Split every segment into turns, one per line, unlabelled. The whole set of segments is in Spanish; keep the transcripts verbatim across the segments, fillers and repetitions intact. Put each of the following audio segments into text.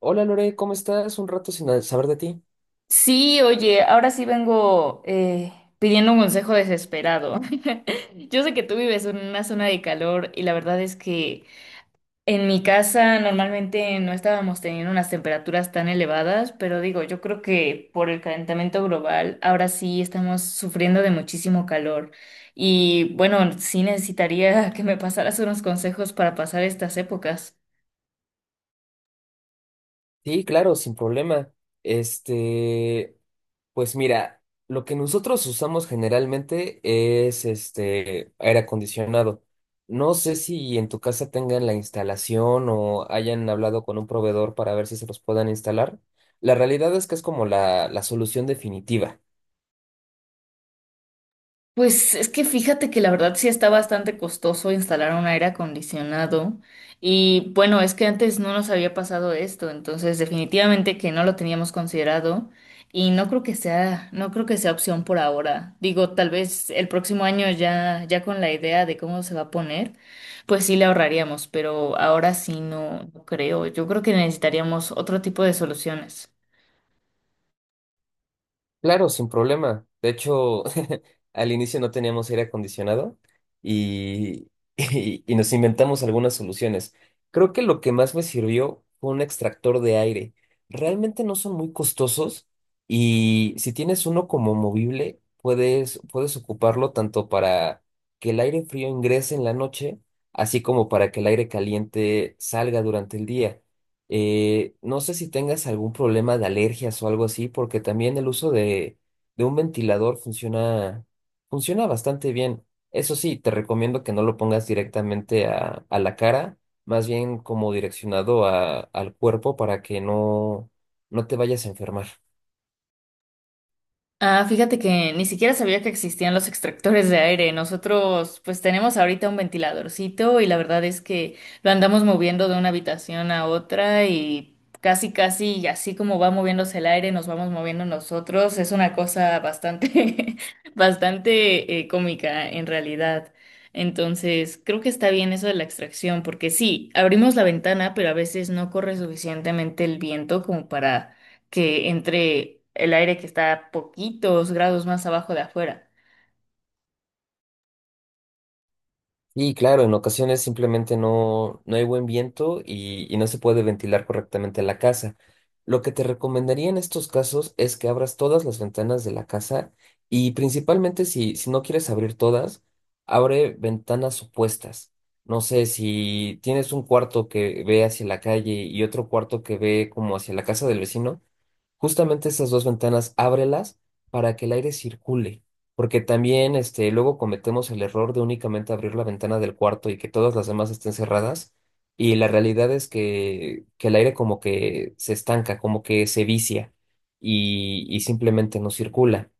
Hola Lore, ¿cómo estás? Un rato sin a- saber de ti.
Sí, oye, ahora sí vengo eh, pidiendo un consejo desesperado. Yo sé que tú vives en una zona de calor y la verdad es que en mi casa normalmente no estábamos teniendo unas temperaturas tan elevadas, pero digo, yo creo que por el calentamiento global ahora sí estamos sufriendo de muchísimo calor. Y bueno, sí necesitaría que me pasaras unos consejos para pasar estas épocas.
Sí, claro, sin problema. Este, pues mira, lo que nosotros usamos generalmente es este aire acondicionado. No sé si en tu casa tengan la instalación o hayan hablado con un proveedor para ver si se los puedan instalar. La realidad es que es como la, la solución definitiva.
Pues es que fíjate que la verdad sí está bastante costoso instalar un aire acondicionado y bueno, es que antes no nos había pasado esto, entonces definitivamente que no lo teníamos considerado y no creo que sea, no creo que sea opción por ahora. Digo, tal vez el próximo año ya, ya con la idea de cómo se va a poner, pues sí le ahorraríamos, pero ahora sí no, no creo. Yo creo que necesitaríamos otro tipo de soluciones.
Claro, sin problema. De hecho, al inicio no teníamos aire acondicionado y, y, y nos inventamos algunas soluciones. Creo que lo que más me sirvió fue un extractor de aire. Realmente no son muy costosos y si tienes uno como movible, puedes, puedes ocuparlo tanto para que el aire frío ingrese en la noche, así como para que el aire caliente salga durante el día. Eh, no sé si tengas algún problema de alergias o algo así, porque también el uso de, de un ventilador funciona. Funciona bastante bien. Eso sí, te recomiendo que no lo pongas directamente a, a la cara, más bien como direccionado a- al cuerpo para que no, no te vayas a enfermar.
Ah, fíjate que ni siquiera sabía que existían los extractores de aire. Nosotros pues tenemos ahorita un ventiladorcito y la verdad es que lo andamos moviendo de una habitación a otra y casi casi y así como va moviéndose el aire nos vamos moviendo nosotros. Es una cosa bastante bastante eh, cómica en realidad. Entonces creo que está bien eso de la extracción porque sí, abrimos la ventana pero a veces no corre suficientemente el viento como para que entre el aire que está a poquitos grados más abajo de afuera.
Y claro, en ocasiones simplemente no, no hay buen viento y, y no se puede ventilar correctamente la casa. Lo que te recomendaría en estos casos es que abras todas las ventanas de la casa y principalmente si, si no quieres abrir todas, abre ventanas opuestas. No sé, si tienes un cuarto que ve hacia la calle y otro cuarto que ve como hacia la casa del vecino, justamente esas dos ventanas, ábrelas para que el aire circule, porque también este, luego cometemos el error de únicamente abrir la ventana del cuarto y que todas las demás estén cerradas, y la realidad es que, que el aire como que se estanca, como que se vicia y, y simplemente no circula.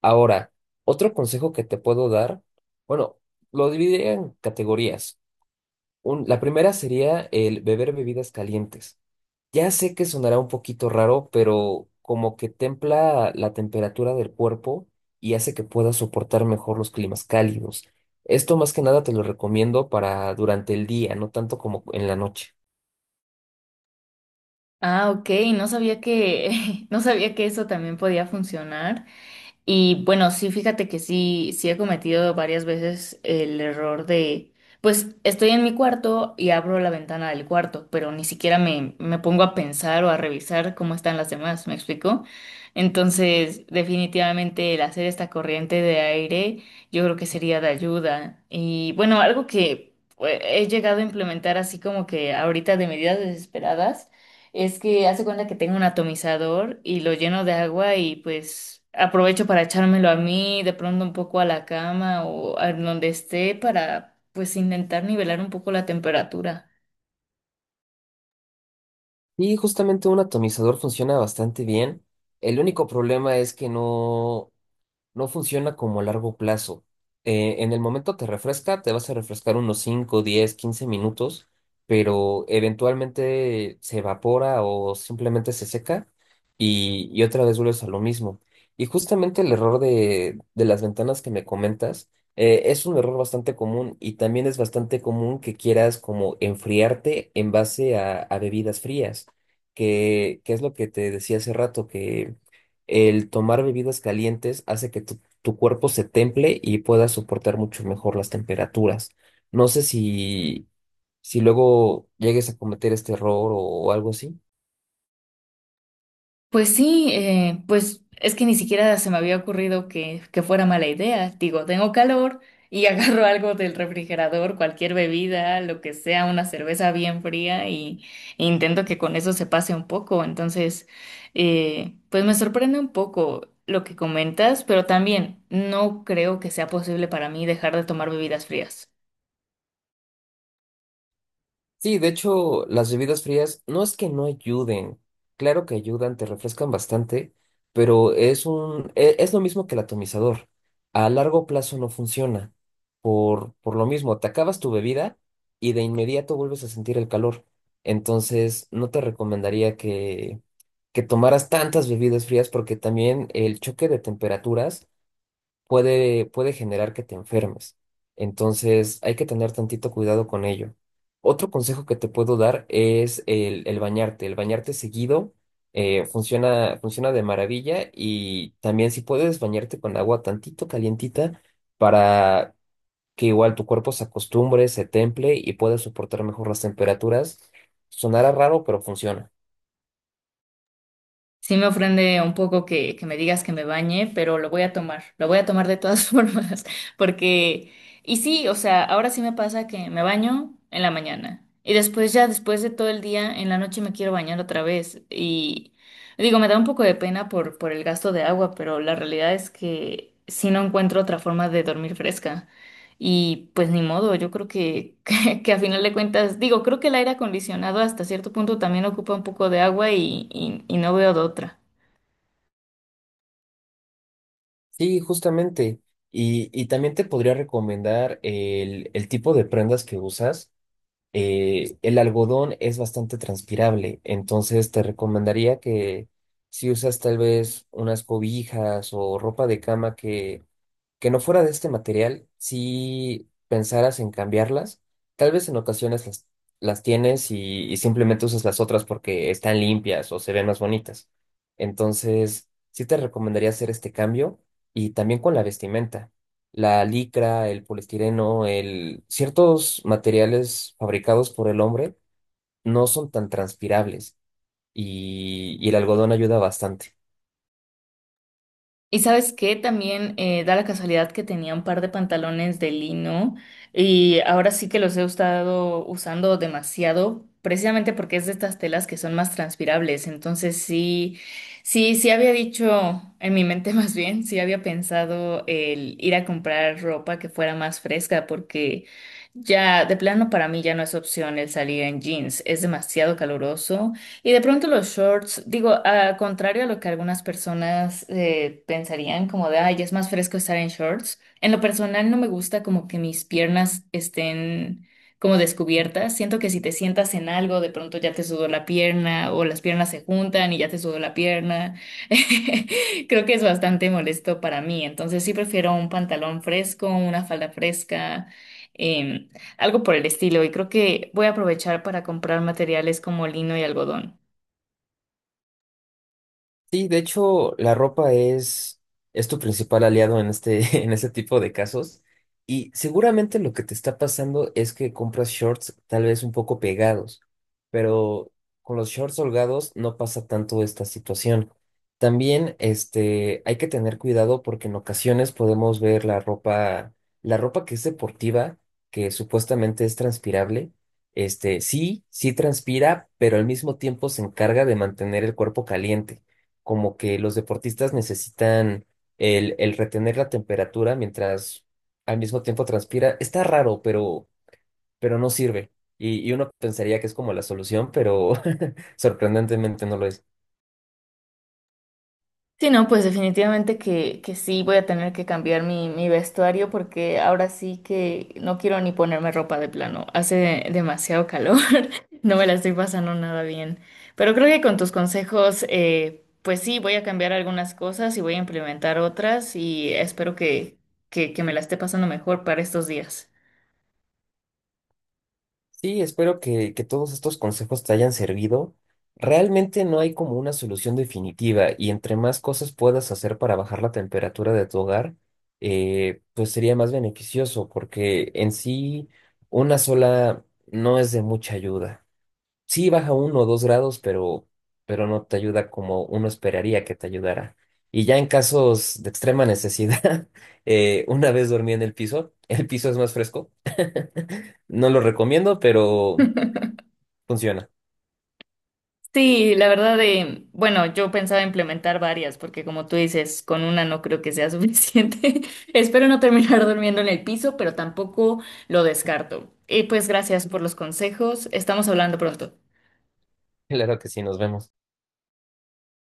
Ahora, otro consejo que te puedo dar, bueno, lo dividiría en categorías. Un- la primera sería el beber bebidas calientes. Ya sé que sonará un poquito raro, pero como que templa la temperatura del cuerpo y hace que puedas soportar mejor los climas cálidos. Esto más que nada te lo recomiendo para durante el día, no tanto como en la noche.
Ah, ok, no sabía que, no sabía que eso también podía funcionar. Y bueno, sí, fíjate que sí, sí he cometido varias veces el error de, pues estoy en mi cuarto y abro la ventana del cuarto, pero ni siquiera me, me pongo a pensar o a revisar cómo están las demás, ¿me explico? Entonces, definitivamente el hacer esta corriente de aire yo creo que sería de ayuda. Y bueno, algo que pues, he llegado a implementar así como que ahorita de medidas desesperadas. Es que hace cuenta que tengo un atomizador y lo lleno de agua y pues aprovecho para echármelo a mí, de pronto un poco a la cama o a donde esté para pues intentar nivelar un poco la temperatura.
Y justamente un atomizador funciona bastante bien. El único problema es que no, no funciona como a largo plazo. Eh, en el momento te refresca, te vas a refrescar unos cinco diez quince minutos, pero eventualmente se evapora o simplemente se seca y, y otra vez vuelves a lo mismo. Y justamente el error de, de las ventanas que me comentas eh, es un error bastante común y también es bastante común que quieras como enfriarte en base a, a bebidas frías, que, que es lo que te decía hace rato, el tomar bebidas calientes hace que tu, tu cuerpo se temple y pueda soportar mucho mejor las temperaturas. No sé si, si luego llegues a cometer este error o algo así.
Pues sí, eh, pues es que ni siquiera se me había ocurrido que, que fuera mala idea. Digo, tengo calor y agarro algo del refrigerador, cualquier bebida, lo que sea, una cerveza bien fría y e intento que con eso se pase un poco. Entonces, eh, pues me sorprende un poco lo que comentas, pero también no creo que sea posible para mí dejar de tomar bebidas frías.
Sí, de hecho, las bebidas frías no es que no ayuden, claro que ayudan, te refrescan bastante, pero es un, e- es lo mismo que el atomizador. A largo plazo no funciona. Por, por lo mismo, te acabas tu bebida y de inmediato vuelves a sentir el calor. Entonces, no te recomendaría que, que tomaras tantas bebidas frías porque también el choque de temperaturas puede, puede generar que te enfermes. Entonces hay que tener tantito cuidado con ello. Otro consejo que te puedo dar es el, el bañarte. El bañarte seguido eh, funciona, funciona de maravilla y también si puedes bañarte con agua tantito calientita para que igual tu cuerpo se acostumbre, se temple y pueda soportar mejor las temperaturas. Sonará raro, pero funciona.
Sí me ofende un poco que, que me digas que me bañe, pero lo voy a tomar, lo voy a tomar de todas formas, porque, y sí, o sea, ahora sí me pasa que me baño en la mañana y después ya, después de todo el día, en la noche me quiero bañar otra vez y digo, me da un poco de pena por, por el gasto de agua, pero la realidad es que sí no encuentro otra forma de dormir fresca y pues ni modo, yo creo que que a final de cuentas, digo, creo que el aire acondicionado hasta cierto punto también ocupa un poco de agua y, y- y no veo de otra.
Sí, justamente. Y, y también te podría recomendar el, el tipo de prendas que usas. Eh, el algodón es bastante transpirable, entonces te recomendaría que si usas tal vez unas cobijas o ropa de cama que que no fuera de este material, si pensaras en cambiarlas, tal vez en ocasiones las, las tienes y, y simplemente usas las otras porque están limpias o se ven más bonitas. Entonces, sí te recomendaría hacer este cambio y también con la vestimenta. La licra, el poliestireno, el... ciertos materiales fabricados por el hombre no son tan transpirables y y el algodón ayuda bastante.
Y sabes qué, también eh, da la casualidad que tenía un par de pantalones de lino y ahora sí que los he estado usando demasiado, precisamente porque es de estas telas que son más transpirables. Entonces sí, sí, sí había dicho en mi mente más bien, sí había pensado el ir a comprar ropa que fuera más fresca, porque ya de plano para mí ya no es opción el salir en jeans, es demasiado caluroso. Y de pronto los shorts, digo, a contrario a lo que algunas personas eh, pensarían, como de, ay, es más fresco estar en shorts. En lo personal no me gusta como que mis piernas estén como descubiertas. Siento que si te sientas en algo, de pronto ya te sudó la pierna o las piernas se juntan y ya te sudó la pierna. Creo que es bastante molesto para mí. Entonces sí prefiero un pantalón fresco, una falda fresca. em, Algo por el estilo, y creo que voy a aprovechar para comprar materiales como lino y algodón.
Sí, de hecho, la ropa es, es tu principal aliado en este, en este tipo de casos. Y seguramente lo que te está pasando es que compras shorts tal vez un poco pegados, pero con los shorts holgados no pasa tanto esta situación. También, este, hay que tener cuidado porque en ocasiones podemos ver la ropa, la ropa que es deportiva, que supuestamente es transpirable. Este, sí, sí transpira, pero al mismo tiempo se encarga de mantener el cuerpo caliente como que los deportistas necesitan el, el retener la temperatura mientras al mismo tiempo transpira. Está raro, pero, pero no sirve. Y, y uno pensaría que es como la solución, pero sorprendentemente no lo es.
Sí, no, pues definitivamente que, que sí voy a tener que cambiar mi, mi vestuario porque ahora sí que no quiero ni ponerme ropa de plano. Hace demasiado calor, no me la estoy pasando nada bien. Pero creo que con tus consejos, eh, pues sí, voy a cambiar algunas cosas y voy a implementar otras y espero que, que, que me la esté pasando mejor para estos días.
Sí, espero que, que todos estos consejos te hayan servido. Realmente no hay como una solución definitiva y entre más cosas puedas hacer para bajar la temperatura de tu hogar, eh, pues sería más beneficioso porque en sí una sola no es de mucha ayuda. Sí, baja uno o dos grados, pero, pero no te ayuda como uno esperaría que te ayudara. Y ya en casos de extrema necesidad, eh, una vez dormí en el piso, el piso es más fresco. No lo recomiendo, pero funciona.
Sí, la verdad de, bueno, yo pensaba implementar varias, porque como tú dices, con una no creo que sea suficiente. Espero no terminar durmiendo en el piso, pero tampoco lo descarto. Y pues gracias por los consejos. Estamos hablando pronto.
Claro que sí, nos vemos.